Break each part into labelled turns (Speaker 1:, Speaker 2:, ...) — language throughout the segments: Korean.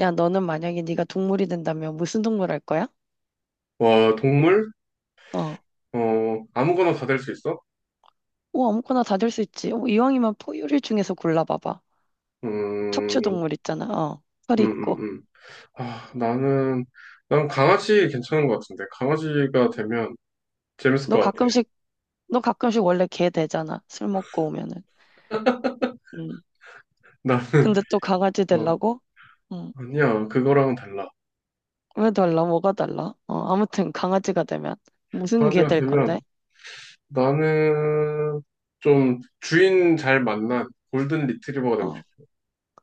Speaker 1: 야, 너는 만약에 네가 동물이 된다면 무슨 동물 할 거야?
Speaker 2: 와, 동물?
Speaker 1: 어.
Speaker 2: 어, 아무거나 다 될 수 있어?
Speaker 1: 오, 아무거나 다 될 수 있지. 어, 이왕이면 포유류 중에서 골라봐봐. 척추
Speaker 2: 음,
Speaker 1: 동물 있잖아. 어. 털이
Speaker 2: 음, 음,
Speaker 1: 있고.
Speaker 2: 음. 아, 나는, 난 강아지 괜찮은 것 같은데. 강아지가 되면 재밌을
Speaker 1: 너
Speaker 2: 것 같아.
Speaker 1: 가끔씩, 너 가끔씩 원래 개 되잖아. 술 먹고 오면은. 음.
Speaker 2: 나는,
Speaker 1: 근데 또 강아지
Speaker 2: 어,
Speaker 1: 되려고? 음.
Speaker 2: 아니야. 그거랑은 달라.
Speaker 1: 왜 달라? 뭐가 달라? 어, 아무튼 강아지가 되면 무슨 개
Speaker 2: 강아지가
Speaker 1: 될
Speaker 2: 되면
Speaker 1: 건데?
Speaker 2: 나는 좀 주인 잘 만난 골든 리트리버가 되고
Speaker 1: 어.
Speaker 2: 싶어.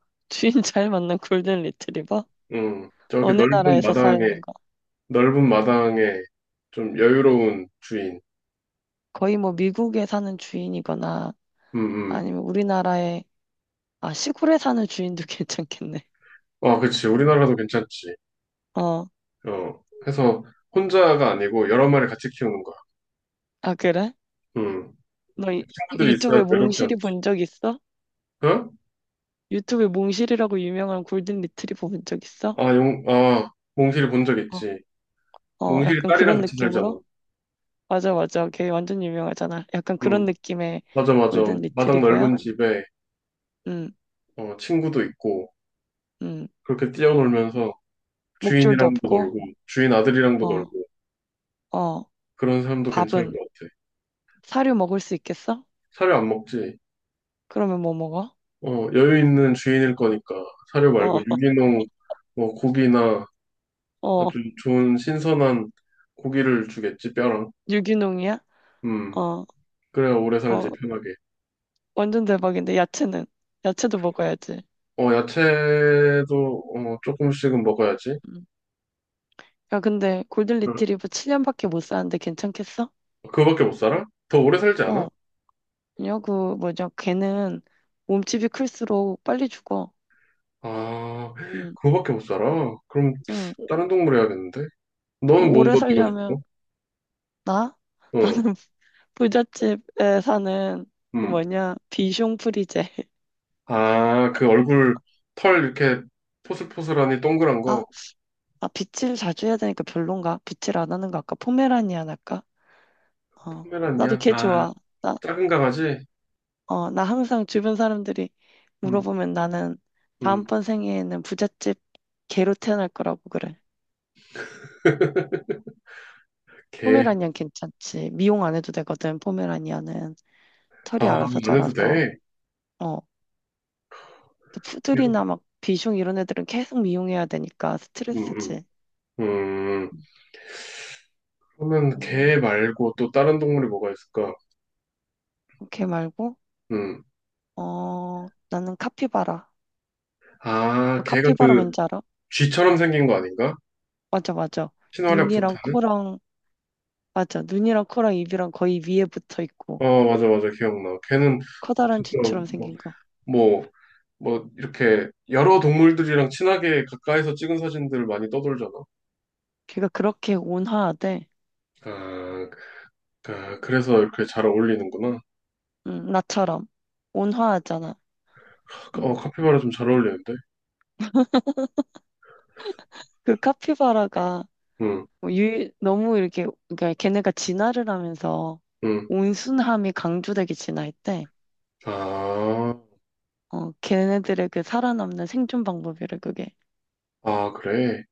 Speaker 1: 주인 잘 맞는 골든 리트리버?
Speaker 2: 저기
Speaker 1: 어느
Speaker 2: 넓은
Speaker 1: 나라에서 사는 거?
Speaker 2: 넓은 마당에 좀 여유로운 주인.
Speaker 1: 거의 뭐 미국에 사는 주인이거나
Speaker 2: 음, 음.
Speaker 1: 아니면 우리나라에 아, 시골에 사는 주인도 괜찮겠네.
Speaker 2: 아, 그치. 우리나라도 괜찮지.
Speaker 1: 어,
Speaker 2: 어, 해서 혼자가 아니고 여러 마리 같이 키우는 거야.
Speaker 1: 아, 그래?
Speaker 2: 음.
Speaker 1: 너 이-
Speaker 2: 친구들이 있어야
Speaker 1: 유튜브에
Speaker 2: 외롭지
Speaker 1: 몽실이
Speaker 2: 않지.
Speaker 1: 본 적 있어?
Speaker 2: 어?
Speaker 1: 유튜브에 몽실이라고 유명한 골든 리트리버 본 적 있어?
Speaker 2: 아, 용, 아, 몽실이 본 적
Speaker 1: 어,
Speaker 2: 있지.
Speaker 1: 어,
Speaker 2: 몽실이
Speaker 1: 약간
Speaker 2: 딸이랑
Speaker 1: 그런
Speaker 2: 같이
Speaker 1: 느낌으로?
Speaker 2: 살잖아.
Speaker 1: 맞아, 맞아. 걔 완전 유명하잖아. 약간 그런
Speaker 2: 음,
Speaker 1: 느낌의
Speaker 2: 맞아, 맞아.
Speaker 1: 골든
Speaker 2: 마당
Speaker 1: 리트리버야?
Speaker 2: 넓은 집에
Speaker 1: 응,
Speaker 2: 어, 친구도 있고
Speaker 1: 응.
Speaker 2: 그렇게 뛰어놀면서
Speaker 1: 목줄도
Speaker 2: 주인이랑도
Speaker 1: 없고,
Speaker 2: 놀고 주인 아들이랑도
Speaker 1: 어,
Speaker 2: 놀고
Speaker 1: 어.
Speaker 2: 그런 사람도 괜찮을
Speaker 1: 밥은?
Speaker 2: 것 같아.
Speaker 1: 사료 먹을 수 있겠어?
Speaker 2: 사료 안 먹지.
Speaker 1: 그러면 뭐 먹어?
Speaker 2: 어, 여유 있는 주인일 거니까 사료 말고
Speaker 1: 어,
Speaker 2: 유기농 뭐 고기나
Speaker 1: 어.
Speaker 2: 아주 좋은 신선한 고기를 주겠지, 뼈랑.
Speaker 1: 유기농이야?
Speaker 2: 음,
Speaker 1: 어,
Speaker 2: 그래야 오래
Speaker 1: 어.
Speaker 2: 살지, 편하게.
Speaker 1: 완전 대박인데, 야채는? 야채도 먹어야지.
Speaker 2: 어, 야채도, 어, 조금씩은 먹어야지.
Speaker 1: 음. 야, 근데 골든
Speaker 2: 응.
Speaker 1: 리트리버 7년밖에 못 사는데 괜찮겠어?
Speaker 2: 그거밖에 못 살아? 더 오래 살지 않아?
Speaker 1: 어, 아니요, 그 뭐죠? 걔는 몸집이 클수록 빨리 죽어.
Speaker 2: 아,
Speaker 1: 응,
Speaker 2: 그거밖에 못 살아? 그럼,
Speaker 1: 응.
Speaker 2: 다른 동물 해야겠는데?
Speaker 1: 그
Speaker 2: 너는 뭐
Speaker 1: 오래
Speaker 2: 먹고
Speaker 1: 살려면
Speaker 2: 싶어?
Speaker 1: 나?
Speaker 2: 어,
Speaker 1: 나는 부잣집에 사는 그
Speaker 2: 음.
Speaker 1: 뭐냐 비숑 프리제.
Speaker 2: 아, 그 얼굴, 털 이렇게 포슬포슬하니 동그란
Speaker 1: 아,
Speaker 2: 거.
Speaker 1: 아 빗질 자주 해야 되니까 별론가? 빗질 안 하는 거 아까 포메라니안 할까? 어, 나도
Speaker 2: 포메란이야?
Speaker 1: 걔
Speaker 2: 아,
Speaker 1: 좋아. 나,
Speaker 2: 작은 강아지?
Speaker 1: 어, 나 항상 주변 사람들이
Speaker 2: 음,
Speaker 1: 물어보면 나는
Speaker 2: 음,
Speaker 1: 다음번 생에는 부잣집 개로 태어날 거라고 그래.
Speaker 2: 개.
Speaker 1: 포메라니안 괜찮지. 미용 안 해도 되거든, 포메라니안은. 털이
Speaker 2: 아,
Speaker 1: 알아서
Speaker 2: 안 해도
Speaker 1: 자라서.
Speaker 2: 돼.
Speaker 1: 어. 근데
Speaker 2: 개도,
Speaker 1: 푸들이나 막 비숑 이런 애들은 계속 미용해야 되니까
Speaker 2: 음,
Speaker 1: 스트레스지.
Speaker 2: 음. 음, 그러면
Speaker 1: 음,
Speaker 2: 개 말고 또 다른 동물이 뭐가 있을까?
Speaker 1: 오케이 말고,
Speaker 2: 음.
Speaker 1: 어, 나는 카피바라. 너
Speaker 2: 아, 걔가
Speaker 1: 카피바라
Speaker 2: 그
Speaker 1: 뭔지 알아?
Speaker 2: 쥐처럼 생긴 거 아닌가?
Speaker 1: 맞아, 맞아.
Speaker 2: 친화력
Speaker 1: 눈이랑
Speaker 2: 좋다는?
Speaker 1: 코랑, 맞아. 눈이랑 코랑 입이랑 거의 위에 붙어 있고,
Speaker 2: 어, 맞아, 맞아, 기억나. 걔는
Speaker 1: 커다란
Speaker 2: 진짜
Speaker 1: 쥐처럼 생긴 거.
Speaker 2: 뭐, 뭐 이렇게 여러 동물들이랑 친하게 가까이서 찍은 사진들 많이 떠돌잖아.
Speaker 1: 걔가 그렇게 온화하대.
Speaker 2: 아, 그- 아, 그래서 이렇게 잘 어울리는구나.
Speaker 1: 응, 나처럼. 온화하잖아.
Speaker 2: 어,
Speaker 1: 응.
Speaker 2: 카피바라 좀 잘 어울리는데?
Speaker 1: 그 카피바라가
Speaker 2: 응,
Speaker 1: 뭐 너무 이렇게, 그러니까 걔네가 진화를 하면서
Speaker 2: 응.
Speaker 1: 온순함이 강조되게 진화했대.
Speaker 2: 아,
Speaker 1: 어, 걔네들의 그 살아남는 생존 방법이래, 그게.
Speaker 2: 그래.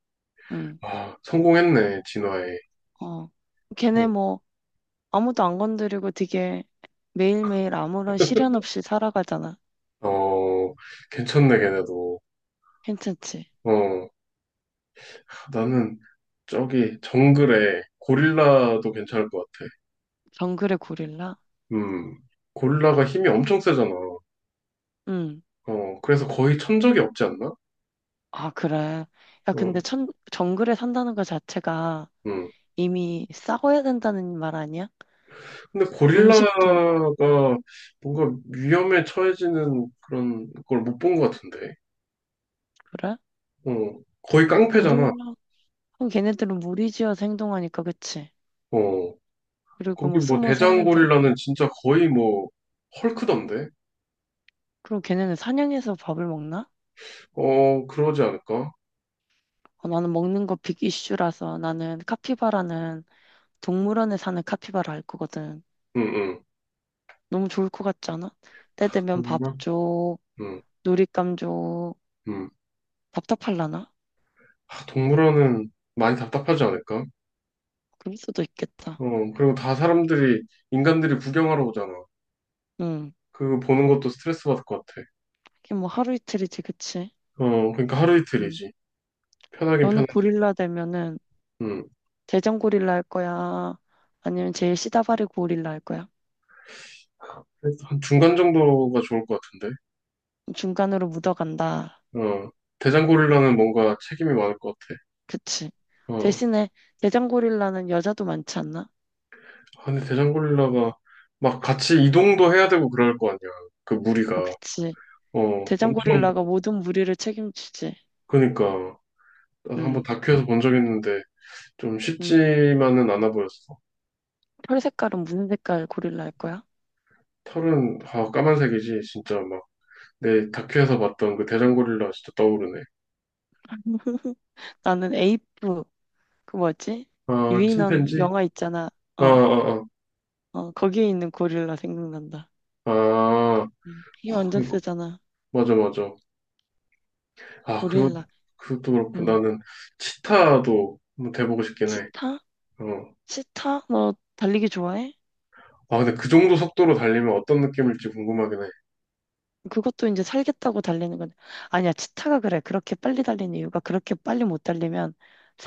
Speaker 1: 응,
Speaker 2: 아, 성공했네, 진화에.
Speaker 1: 어. 걔네
Speaker 2: 어,
Speaker 1: 뭐 아무도 안 건드리고 되게 매일매일 아무런 시련 없이 살아가잖아.
Speaker 2: 어, 괜찮네, 걔네도.
Speaker 1: 괜찮지?
Speaker 2: 어. 나는 저기 정글에 고릴라도 괜찮을 것 같아.
Speaker 1: 정글의 고릴라?
Speaker 2: 음, 고릴라가 힘이 엄청 세잖아.
Speaker 1: 응.
Speaker 2: 어, 그래서 거의 천적이 없지 않나?
Speaker 1: 아, 그래. 야, 근데
Speaker 2: 어,
Speaker 1: 정글에 산다는 것 자체가
Speaker 2: 음.
Speaker 1: 이미 싸워야 된다는 말 아니야?
Speaker 2: 근데
Speaker 1: 음식도.
Speaker 2: 고릴라가
Speaker 1: 음,
Speaker 2: 뭔가 위험에 처해지는 그런 걸 못 본 것 같은데.
Speaker 1: 그래?
Speaker 2: 어, 거의 깡패잖아.
Speaker 1: 고릴라. 그럼 걔네들은 무리지어서 행동하니까, 그치?
Speaker 2: 어,
Speaker 1: 그리고
Speaker 2: 거기
Speaker 1: 뭐
Speaker 2: 뭐
Speaker 1: 숨어
Speaker 2: 대장
Speaker 1: 살면 되고.
Speaker 2: 고릴라는 진짜 거의 뭐 헐크던데?
Speaker 1: 그럼 걔네는 사냥해서 밥을 먹나?
Speaker 2: 어, 그러지 않을까?
Speaker 1: 어, 나는 먹는 거 빅 이슈라서 나는 카피바라는 동물원에 사는 카피바라 알 거거든.
Speaker 2: 응, 응.
Speaker 1: 너무 좋을 것 같지 않아? 때 되면 밥
Speaker 2: 동물원?
Speaker 1: 줘,
Speaker 2: 응,
Speaker 1: 놀잇감 줘,
Speaker 2: 응.
Speaker 1: 답답할라나?
Speaker 2: 아, 동물원은 많이 답답하지 않을까?
Speaker 1: 그럴 수도 있겠다.
Speaker 2: 어, 그리고 다 사람들이, 인간들이 구경하러 오잖아.
Speaker 1: 응.
Speaker 2: 그거 보는 것도 스트레스 받을 것 같아.
Speaker 1: 이게 뭐 하루 이틀이지, 그치?
Speaker 2: 어, 그러니까 하루
Speaker 1: 응.
Speaker 2: 이틀이지. 편하긴
Speaker 1: 너는
Speaker 2: 편하지.
Speaker 1: 고릴라 되면은
Speaker 2: 음.
Speaker 1: 대장 고릴라 할 거야? 아니면 제일 시다바리 고릴라 할 거야?
Speaker 2: 그래서 한 중간 정도가 좋을 것 같은데.
Speaker 1: 중간으로 묻어간다.
Speaker 2: 어,
Speaker 1: 어.
Speaker 2: 대장고릴라는 뭔가 책임이 많을 것 같아.
Speaker 1: 그치.
Speaker 2: 어,
Speaker 1: 대신에 대장고릴라는 여자도 많지 않나?
Speaker 2: 아, 근데 대장고릴라가 막 같이 이동도 해야 되고 그럴 거 아니야. 그 무리가.
Speaker 1: 아, 그치.
Speaker 2: 어, 엄청,
Speaker 1: 대장고릴라가 모든 무리를 책임지지.
Speaker 2: 그니까. 나도 한번
Speaker 1: 응,
Speaker 2: 다큐에서 본 적 있는데 좀
Speaker 1: 응.
Speaker 2: 쉽지만은 않아 보였어.
Speaker 1: 털 색깔은 무슨 색깔 고릴라일 거야?
Speaker 2: 털은, 아, 까만색이지. 진짜 막. 네, 다큐에서 봤던 그 대장고릴라 진짜 떠오르네.
Speaker 1: 나는 에이프, 그 뭐지?
Speaker 2: 아,
Speaker 1: 유인원
Speaker 2: 침팬지?
Speaker 1: 영화 있잖아.
Speaker 2: 아,
Speaker 1: 어,
Speaker 2: 아,
Speaker 1: 어, 거기에 있는 고릴라 생각난다.
Speaker 2: 아,
Speaker 1: 힘 완전
Speaker 2: 그리고-
Speaker 1: 세잖아.
Speaker 2: 맞아, 맞아. 아, 그것,
Speaker 1: 고릴라.
Speaker 2: 그것도 그렇고
Speaker 1: 응.
Speaker 2: 나는 치타도 한번 돼보고 싶긴 해.
Speaker 1: 치타?
Speaker 2: 어.
Speaker 1: 치타? 너 달리기 좋아해?
Speaker 2: 아, 근데 그 정도 속도로 달리면 어떤 느낌일지 궁금하긴 해.
Speaker 1: 그것도 이제 살겠다고 달리는 건데 아니야 치타가 그래 그렇게 빨리 달리는 이유가 그렇게 빨리 못 달리면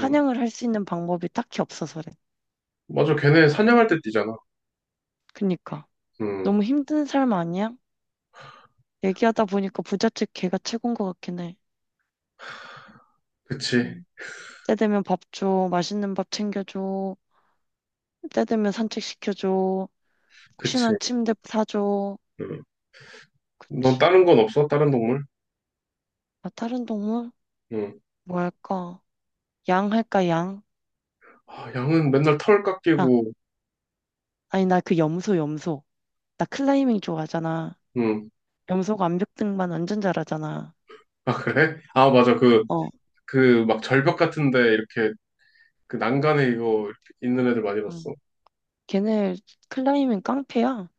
Speaker 2: 음.
Speaker 1: 할 수 있는 방법이 딱히 없어서래
Speaker 2: 맞아, 걔네 사냥할 때 뛰잖아.
Speaker 1: 그니까
Speaker 2: 음,
Speaker 1: 너무 힘든 삶 아니야? 얘기하다 보니까 부잣집 개가 최고인 것 같긴 해
Speaker 2: 그치,
Speaker 1: 음. 때 되면 밥 줘, 맛있는 밥 챙겨줘 때 되면 산책시켜줘
Speaker 2: 그치.
Speaker 1: 혹시나 침대 사줘
Speaker 2: 음. 넌
Speaker 1: 그치
Speaker 2: 다른 건 없어? 다른 동물?
Speaker 1: 아 다른 동물?
Speaker 2: 음.
Speaker 1: 뭐 할까? 양 할까 양?
Speaker 2: 아, 양은 맨날 털
Speaker 1: 아
Speaker 2: 깎이고,
Speaker 1: 아니 나 그 염소 염소 나 클라이밍 좋아하잖아
Speaker 2: 음.
Speaker 1: 염소가 암벽 등반 완전 잘하잖아.
Speaker 2: 아, 그래? 아, 맞아.
Speaker 1: 어,
Speaker 2: 그 막 절벽 같은데 이렇게 그 난간에 이거 있는 애들 많이
Speaker 1: 응.
Speaker 2: 봤어.
Speaker 1: 걔네 클라이밍 깡패야.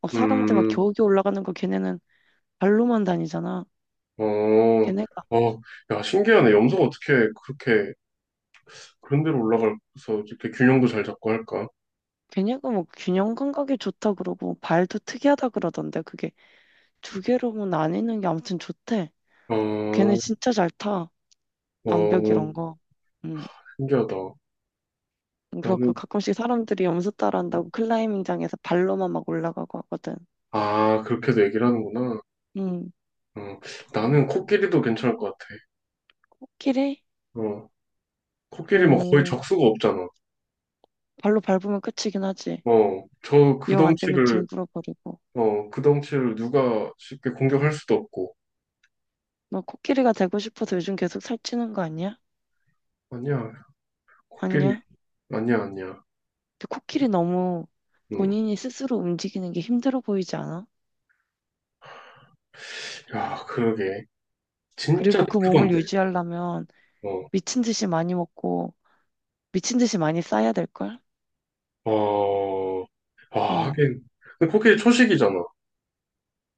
Speaker 1: 어, 사람들 막
Speaker 2: 음,
Speaker 1: 겨우겨우 올라가는 거 걔네는 발로만 다니잖아.
Speaker 2: 어,
Speaker 1: 걔네가
Speaker 2: 어, 야, 신기하네. 염소가 어떻게 그렇게 그런 데로 올라가서 이렇게 균형도 잘 잡고 할까?
Speaker 1: 걔네가 뭐 균형 감각이 좋다 그러고 발도 특이하다 그러던데 그게 두 개로 나뉘는 게 아무튼 좋대. 걔네
Speaker 2: 어,
Speaker 1: 진짜 잘 타. 암벽
Speaker 2: 어,
Speaker 1: 이런 거. 음,
Speaker 2: 신기하다.
Speaker 1: 그렇고
Speaker 2: 나는,
Speaker 1: 가끔씩 사람들이 염소 따라한다고 클라이밍장에서 발로만 막 올라가고 하거든.
Speaker 2: 아, 그렇게도 얘기를 하는구나.
Speaker 1: 음,
Speaker 2: 어, 나는 코끼리도 괜찮을 것 같아.
Speaker 1: 코끼리?
Speaker 2: 어, 코끼리 뭐 거의
Speaker 1: 어,
Speaker 2: 적수가 없잖아.
Speaker 1: 발로 밟으면 끝이긴 하지.
Speaker 2: 어, 저 그
Speaker 1: 이용 안 되면
Speaker 2: 덩치를,
Speaker 1: 뒹굴어 버리고.
Speaker 2: 어, 그 덩치를 누가 쉽게 공격할 수도 없고.
Speaker 1: 너 코끼리가 되고 싶어서 요즘 계속 살찌는 거 아니야?
Speaker 2: 아니야, 코끼리,
Speaker 1: 아니야?
Speaker 2: 아니야.
Speaker 1: 근데 코끼리 너무
Speaker 2: 음.
Speaker 1: 본인이 스스로 움직이는 게 힘들어 보이지 않아?
Speaker 2: 야, 그러게. 진짜
Speaker 1: 그리고 그 몸을
Speaker 2: 크던데.
Speaker 1: 유지하려면
Speaker 2: 어.
Speaker 1: 미친 듯이 많이 먹고 미친 듯이 많이 싸야 될걸?
Speaker 2: 어. 아,
Speaker 1: 어.
Speaker 2: 하긴. 근데 그게 초식이잖아.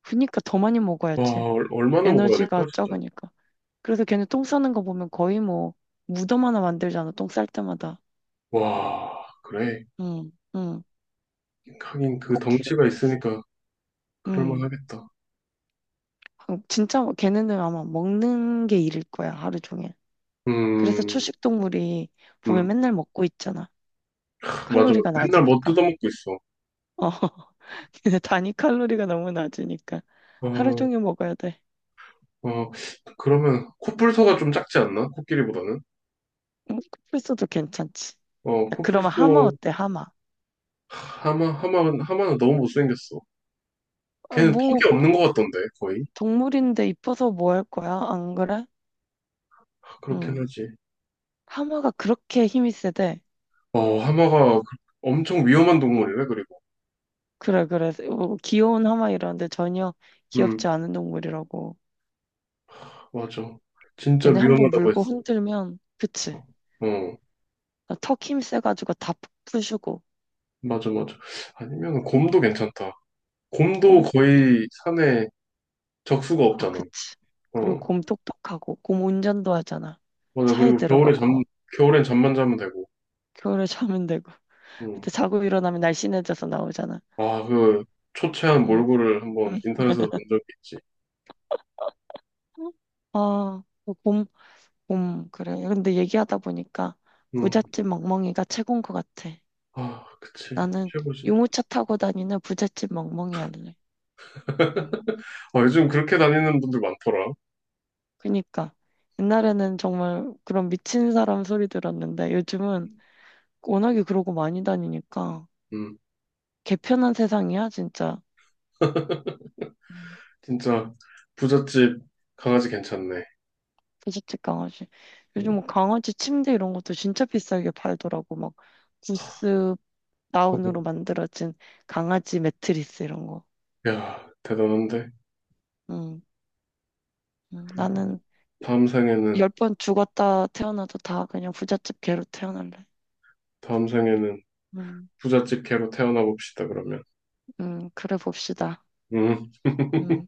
Speaker 1: 그니까 더 많이 먹어야지.
Speaker 2: 와, 얼- 얼마나 먹어야
Speaker 1: 에너지가
Speaker 2: 될까, 진짜.
Speaker 1: 적으니까. 그래서 걔네 똥 싸는 거 보면 거의 뭐 무덤 하나 만들잖아. 똥 쌀 때마다.
Speaker 2: 와, 그래.
Speaker 1: 응, 응.
Speaker 2: 하긴 그
Speaker 1: 코끼리?
Speaker 2: 덩치가 있으니까 그럴만
Speaker 1: 응.
Speaker 2: 하겠다.
Speaker 1: 아, 진짜 뭐 걔네는 아마 먹는 게 일일 거야. 하루 종일. 그래서
Speaker 2: 음,
Speaker 1: 초식 동물이 보면
Speaker 2: 음.
Speaker 1: 맨날 먹고 있잖아.
Speaker 2: 맞아, 맞아.
Speaker 1: 칼로리가
Speaker 2: 맨날 뭐
Speaker 1: 낮으니까.
Speaker 2: 뜯어먹고 있어.
Speaker 1: 어. 근데 단위 칼로리가 너무 낮으니까 하루
Speaker 2: 어,
Speaker 1: 종일 먹어야 돼.
Speaker 2: 어. 그러면 코뿔소가 좀 작지 않나? 코끼리보다는?
Speaker 1: 쿠플소도 괜찮지.
Speaker 2: 어,
Speaker 1: 야, 그러면 하마
Speaker 2: 코뿔소
Speaker 1: 어때? 하마.
Speaker 2: 하마, 하마는 너무 못생겼어.
Speaker 1: 아,
Speaker 2: 걔는
Speaker 1: 뭐
Speaker 2: 턱이 없는 것 같던데, 거의.
Speaker 1: 동물인데 이뻐서 뭐 할 거야? 안 그래?
Speaker 2: 아, 그렇긴
Speaker 1: 응.
Speaker 2: 하지.
Speaker 1: 하마가 그렇게 힘이 세대.
Speaker 2: 어, 하마가 엄청 위험한 동물이래, 그리고.
Speaker 1: 그래 그래. 뭐 귀여운 하마 이러는데 전혀 귀엽지
Speaker 2: 음,
Speaker 1: 않은 동물이라고.
Speaker 2: 맞아. 진짜
Speaker 1: 걔네 한번
Speaker 2: 위험하다고
Speaker 1: 물고
Speaker 2: 했어.
Speaker 1: 흔들면 그치.
Speaker 2: 어,
Speaker 1: 턱힘 세가지고 다 푸시고.
Speaker 2: 맞아, 맞아. 아니면
Speaker 1: 응.
Speaker 2: 곰도 괜찮다. 곰도
Speaker 1: 고마워.
Speaker 2: 거의 산에 적수가
Speaker 1: 아,
Speaker 2: 없잖아.
Speaker 1: 그치. 그리고
Speaker 2: 어,
Speaker 1: 곰 똑똑하고, 곰 운전도 하잖아.
Speaker 2: 맞아.
Speaker 1: 차에
Speaker 2: 그리고
Speaker 1: 들어가고 막,
Speaker 2: 겨울엔 잠만 자면 되고.
Speaker 1: 겨울에 자면 되고.
Speaker 2: 음.
Speaker 1: 그때 자고 일어나면 날씬해져서 나오잖아.
Speaker 2: 아, 그 초췌한
Speaker 1: 응,
Speaker 2: 몰골을 한번
Speaker 1: 응.
Speaker 2: 인터넷에서 본 적이 있지.
Speaker 1: 아, 그 곰, 곰, 그래. 근데 얘기하다 보니까
Speaker 2: 음.
Speaker 1: 부잣집 멍멍이가 최고인 것 같아.
Speaker 2: 아, 그치.
Speaker 1: 나는
Speaker 2: 최고지.
Speaker 1: 유모차 타고 다니는 부잣집 멍멍이 할래. 응.
Speaker 2: 아, 요즘 그렇게 다니는 분들 많더라.
Speaker 1: 그니까. 옛날에는 정말 그런 미친 사람 소리 들었는데 요즘은 워낙에 그러고 많이 다니니까
Speaker 2: 음.
Speaker 1: 개편한 세상이야, 진짜. 응.
Speaker 2: 진짜 부잣집 강아지 괜찮네.
Speaker 1: 부잣집 강아지. 요즘
Speaker 2: 음.
Speaker 1: 뭐 강아지 침대 이런 것도 진짜 비싸게 팔더라고. 막 구스 다운으로 만들어진 강아지 매트리스 이런 거.
Speaker 2: 야, 대단한데?
Speaker 1: 응. 응. 나는
Speaker 2: 다음 생에는,
Speaker 1: 10번 죽었다 태어나도 다 그냥 부잣집 개로 태어날래.
Speaker 2: 다음 생에는
Speaker 1: 응.
Speaker 2: 부잣집 개로 태어나 봅시다, 그러면.
Speaker 1: 응. 그래 봅시다.
Speaker 2: 응,
Speaker 1: 응.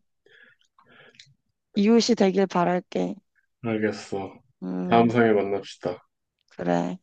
Speaker 1: 이웃이 되길 바랄게.
Speaker 2: 알겠어. 다음
Speaker 1: 응.
Speaker 2: 상에 만납시다.
Speaker 1: 그래.